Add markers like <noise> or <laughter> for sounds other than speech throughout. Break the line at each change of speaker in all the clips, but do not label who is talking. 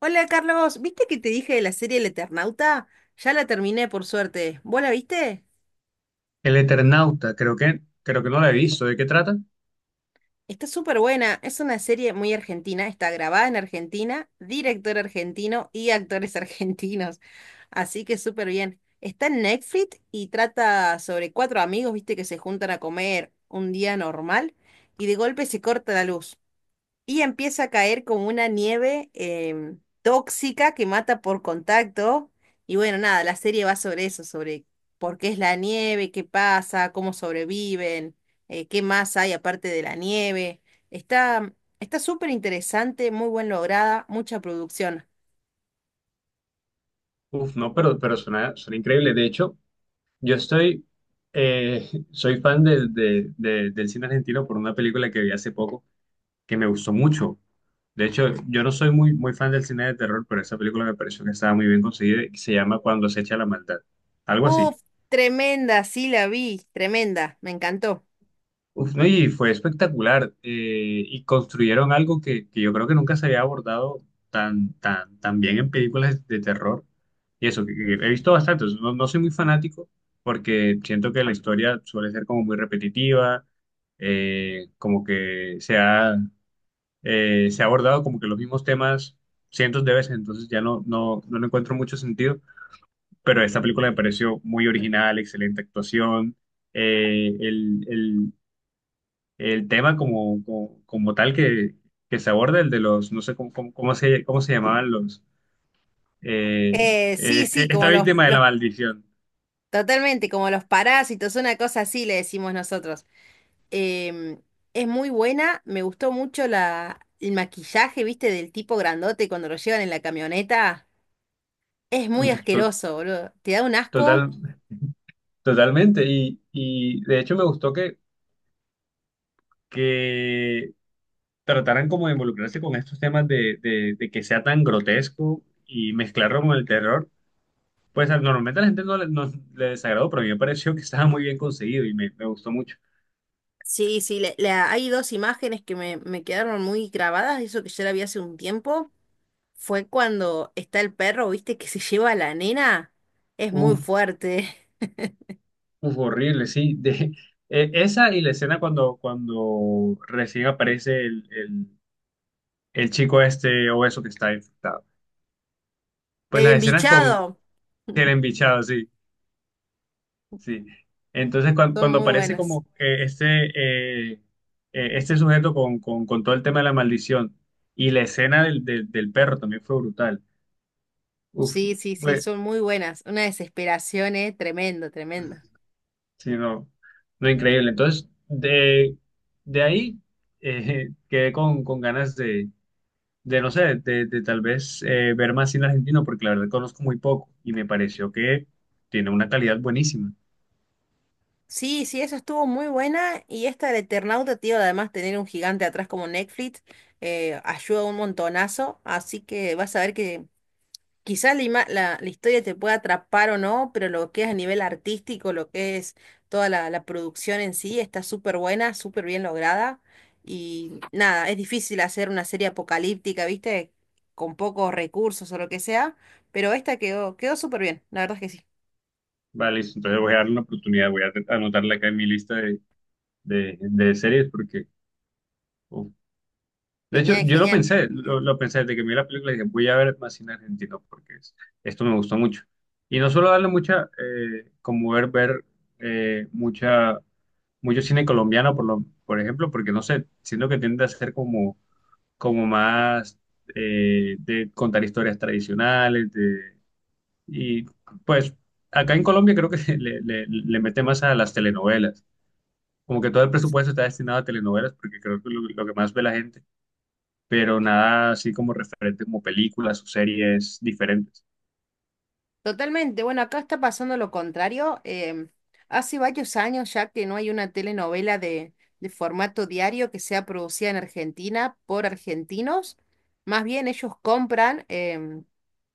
Hola Carlos, ¿viste que te dije de la serie El Eternauta? Ya la terminé por suerte. ¿Vos la viste?
El Eternauta, creo que no la he visto. ¿De qué trata?
Está súper buena, es una serie muy argentina, está grabada en Argentina, director argentino y actores <laughs> argentinos, así que súper bien. Está en Netflix y trata sobre cuatro amigos, viste, que se juntan a comer un día normal y de golpe se corta la luz. Y empieza a caer como una nieve tóxica que mata por contacto. Y bueno, nada, la serie va sobre eso, sobre por qué es la nieve, qué pasa, cómo sobreviven, qué más hay aparte de la nieve. Está, está súper interesante, muy bien lograda, mucha producción.
Uf, no, pero suena, suena increíble. De hecho, yo estoy, soy fan del cine argentino por una película que vi hace poco que me gustó mucho. De hecho, yo no soy muy fan del cine de terror, pero esa película me pareció que estaba muy bien conseguida y se llama Cuando acecha la maldad. Algo así.
Uf, tremenda, sí la vi, tremenda, me encantó.
Uf, no, y fue espectacular. Y construyeron algo que yo creo que nunca se había abordado tan bien en películas de terror. Y eso, que he visto bastante. No, no soy muy fanático porque siento que la historia suele ser como muy repetitiva, como que se ha abordado como que los mismos temas cientos de veces, entonces ya no le encuentro mucho sentido. Pero esta película me pareció muy original, excelente actuación. eh, el, el- el tema como tal que se aborda, el de los, no sé cómo se llamaban los, eh,
Sí, sí,
esta
como los,
víctima de
los,
la maldición.
totalmente, como los parásitos, una cosa así le decimos nosotros. Em, es muy buena, me gustó mucho el maquillaje, viste, del tipo grandote cuando lo llevan en la camioneta. Es muy
To-
asqueroso, boludo. ¿Te da un
Total,
asco?
totalmente. Y de hecho me gustó que trataran como de involucrarse con estos temas de que sea tan grotesco y mezclarlo con el terror. Pues normalmente a la gente no le desagradó, pero a mí me pareció que estaba muy bien conseguido y me gustó mucho.
Sí, sí, hay dos imágenes que me quedaron muy grabadas, eso que yo la vi hace un tiempo. Fue cuando está el perro, viste, que se lleva a la nena. Es muy
Uf,
fuerte.
Uf, horrible, sí. De, esa y la escena cuando recién aparece el chico este obeso que está infectado.
<laughs>
Pues
El
las escenas con
embichado.
el
<laughs>
embichado, sí, sí. Entonces
Son muy
aparece
buenas.
como este sujeto con todo el tema de la maldición y la escena del perro también fue brutal. Uf,
Sí, sí, sí,
fue,
son muy buenas. Una desesperación, tremendo, tremendo.
sí, no, no increíble. Entonces, de ahí <laughs> quedé con ganas de no sé, de tal vez ver más cine argentino, porque la verdad conozco muy poco y me pareció que tiene una calidad buenísima.
Sí, sí, eso estuvo muy buena. Y esta del Eternauta, tío, además tener un gigante atrás como Netflix, ayuda un montonazo. Así que vas a ver que quizás la, ima- la- la historia te pueda atrapar o no, pero lo que es a nivel artístico, lo que es toda la producción en sí, está súper buena, súper bien lograda. Y nada, es difícil hacer una serie apocalíptica, ¿viste? Con pocos recursos o lo que sea, pero esta quedó súper bien, la verdad es que sí.
Vale, listo, entonces voy a darle una oportunidad, voy a anotarla acá en mi lista de, de series, porque... uf. De hecho,
Genial,
yo lo
genial.
pensé, lo pensé desde que vi la película, dije, voy a ver más cine argentino, porque esto me gustó mucho. Y no solo darle mucha, como ver, ver eh, mucha, mucho cine colombiano, por ejemplo, porque no sé, siento que tiende a ser como como más de contar historias tradicionales, de, y pues acá en Colombia creo que <laughs> le mete más a las telenovelas, como que todo el presupuesto está destinado a telenovelas porque creo que lo que más ve la gente, pero nada así como referente como películas o series diferentes.
Totalmente. Bueno, acá está pasando lo contrario. Hace varios años ya que no hay una telenovela de formato diario que sea producida en Argentina por argentinos. Más bien ellos compran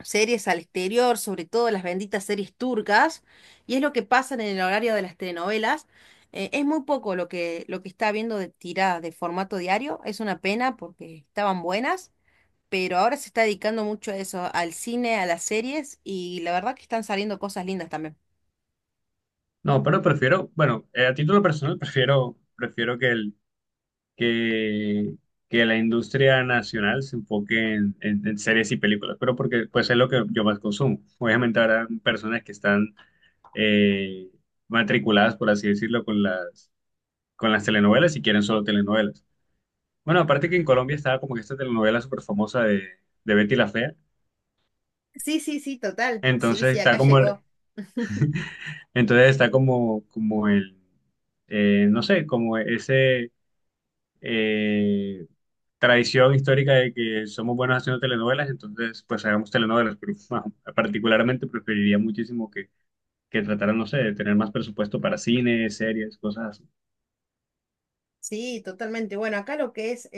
series al exterior, sobre todo las benditas series turcas, y es lo que pasa en el horario de las telenovelas. Es muy poco lo que está habiendo de tiradas de formato diario. Es una pena porque estaban buenas pero ahora se está dedicando mucho a eso, al cine, a las series, y la verdad que están saliendo cosas lindas también.
No, pero prefiero, bueno, a título personal <laughs> prefiero, prefiero que, que la industria nacional se enfoque en, en series y películas, pero porque pues es lo que yo más consumo. Obviamente habrá personas que están eh, matriculadas, por así decirlo, con las telenovelas y quieren solo telenovelas. Bueno, aparte que en Colombia estaba como que esta telenovela súper famosa de Betty la Fea,
Sí, sí, sí, total. Sí,
entonces
sí, acá
está como,
llegó.
entonces está como, como el, no sé, como ese... eh, tradición histórica de que somos buenos haciendo telenovelas, entonces pues hagamos telenovelas, pero <laughs> bueno, particularmente preferiría muchísimo que trataran, no sé, de tener más presupuesto para cine, series, cosas así.
Sí, totalmente. Bueno, acá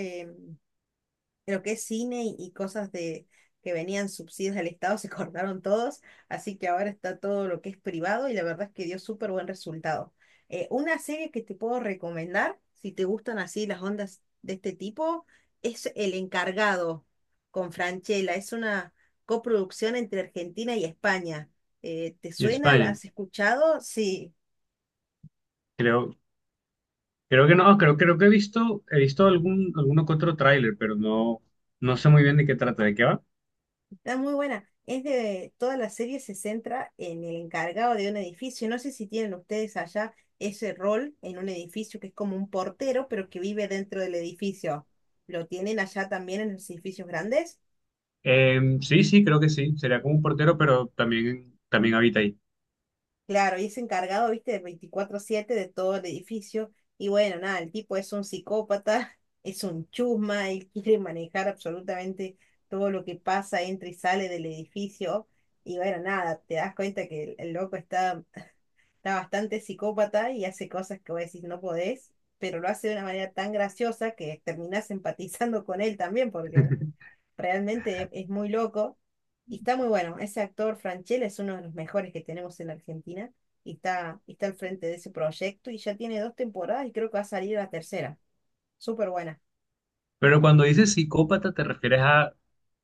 lo que es cine y cosas de que venían subsidios del Estado se <laughs> cortaron todos, así que ahora está todo lo que es privado y la verdad es que dio súper buen resultado. Una serie que te puedo recomendar, si te gustan así las ondas de este tipo, es El Encargado con Franchella. Es una coproducción entre Argentina y España. ¿Te
Y
suena? ¿La
España,
has escuchado? Sí.
creo, creo que he visto algún, alguno que otro tráiler, pero no, no sé muy bien de qué trata, de qué va.
Está muy buena. Es de, toda la serie se centra en el encargado de un edificio. No sé si tienen ustedes allá ese rol en un edificio que es como un portero, pero que vive dentro del edificio. ¿Lo tienen allá también en los edificios grandes?
Sí, sí, creo que sí, sería como un portero, pero también, también habita ahí.
Claro, y es encargado, viste, de 24/7 de todo el edificio. Y bueno, nada, el tipo es un psicópata, <laughs> es un chusma, él quiere manejar absolutamente todo lo que pasa, entra y sale del edificio. Y bueno, nada, te das cuenta que el loco está bastante psicópata y hace cosas que vos decís no podés, pero lo hace de una manera tan graciosa que terminás <laughs> empatizando con él también porque realmente es muy loco y está muy bueno. Ese actor Franchella es uno de los mejores que tenemos en la Argentina y está al frente de ese proyecto y ya tiene dos temporadas y creo que va a salir la tercera. Súper buena.
Pero cuando dices psicópata, ¿te refieres a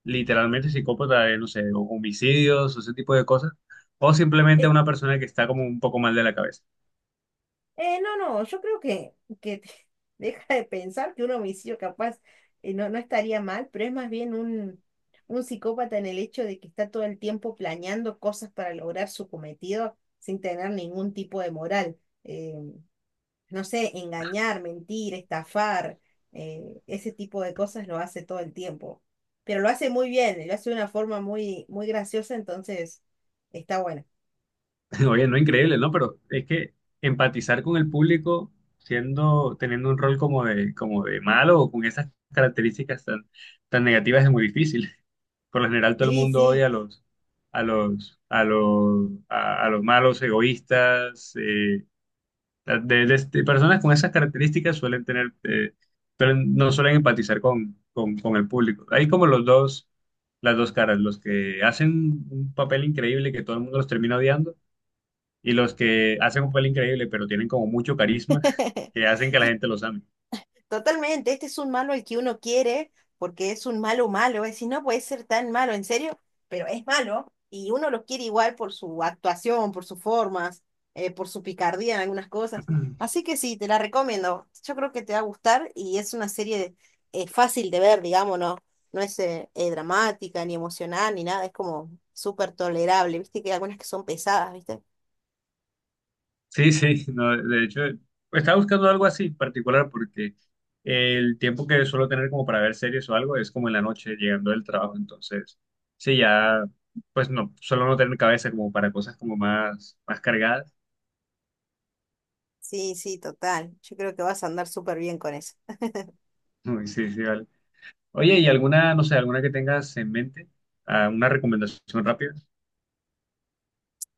literalmente psicópata de, no sé, o homicidios o ese tipo de cosas? ¿O simplemente a una persona que está como un poco mal de la cabeza?
No, yo creo que <laughs> deja de pensar que un homicidio capaz no, no estaría mal, pero es más bien un psicópata en el hecho de que está todo el tiempo planeando cosas para lograr su cometido sin tener ningún tipo de moral. Eh, no sé, engañar, mentir, estafar, ese tipo de cosas lo hace todo el tiempo. Pero lo hace muy bien, lo hace de una forma muy graciosa, entonces está bueno.
<laughs> Oye, no increíble, ¿no? Pero es que empatizar con el público siendo, teniendo un rol como de malo o con esas características tan negativas es muy difícil. <laughs> Por lo general todo el
Sí,
mundo
sí.
odia a los malos, egoístas, sea, de personas con esas características suelen tener, no suelen empatizar con el público. Hay como los dos, las dos caras, los que hacen un papel increíble que todo el mundo los termina odiando y los que hacen un papel increíble pero tienen como mucho carisma <laughs>
<laughs>
que hacen que la gente los ame.
Totalmente, este es un malo al que uno quiere, porque es un malo malo, es decir, no puede ser tan malo, en serio, pero es malo, y uno lo quiere igual por su actuación, por sus formas, por su picardía en algunas cosas. Así que sí, te la recomiendo. Yo creo que te va a gustar y es una serie fácil de ver, digamos, no, no es dramática, ni emocional, ni nada, es como súper tolerable, viste que hay algunas que son pesadas, ¿viste?
Sí, sí, no, de hecho, estaba buscando algo así en particular porque el tiempo que suelo tener como para ver series o algo es como en la noche llegando del trabajo, entonces, sí, ya, pues no, suelo no tener cabeza como para cosas como más, más cargadas.
Sí, sí, total. Yo creo que vas a andar súper bien con eso.
<laughs> Uy, sí, sí, vale. Oye, ¿y alguna, no sé, alguna que tengas en mente? Ah, una recomendación rápida.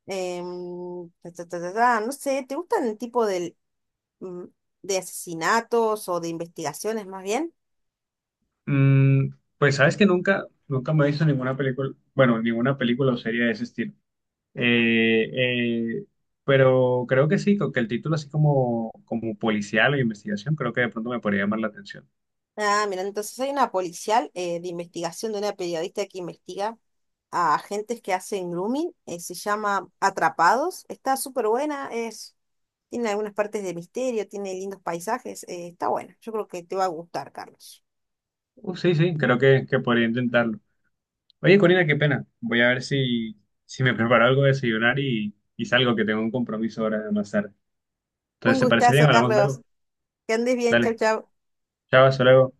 Em, ta, ta, ta, ta, ta, no sé, ¿te gustan el tipo mm, de asesinatos o de investigaciones más bien?
Mm, pues sabes que nunca, nunca me he visto ninguna película, bueno, ninguna película o serie de ese estilo. Eh, eh, pero creo que sí, que el título así como, como policial o investigación, creo que de pronto me podría llamar la atención.
Ah, mira, entonces hay una policial de investigación de una periodista que investiga a agentes que hacen grooming, se llama Atrapados, está súper buena, es, tiene algunas partes de misterio, tiene lindos paisajes, está buena, yo creo que te va a gustar, Carlos.
Sí, sí, creo que podría intentarlo. Oye, Corina, qué pena. Voy a ver si, si me preparo algo de desayunar y salgo, que tengo un compromiso ahora más tarde.
Un
Entonces, ¿te parece bien?
gustazo,
Hablamos
Carlos,
luego.
que andes bien, chau,
Dale,
chau.
chao, hasta luego.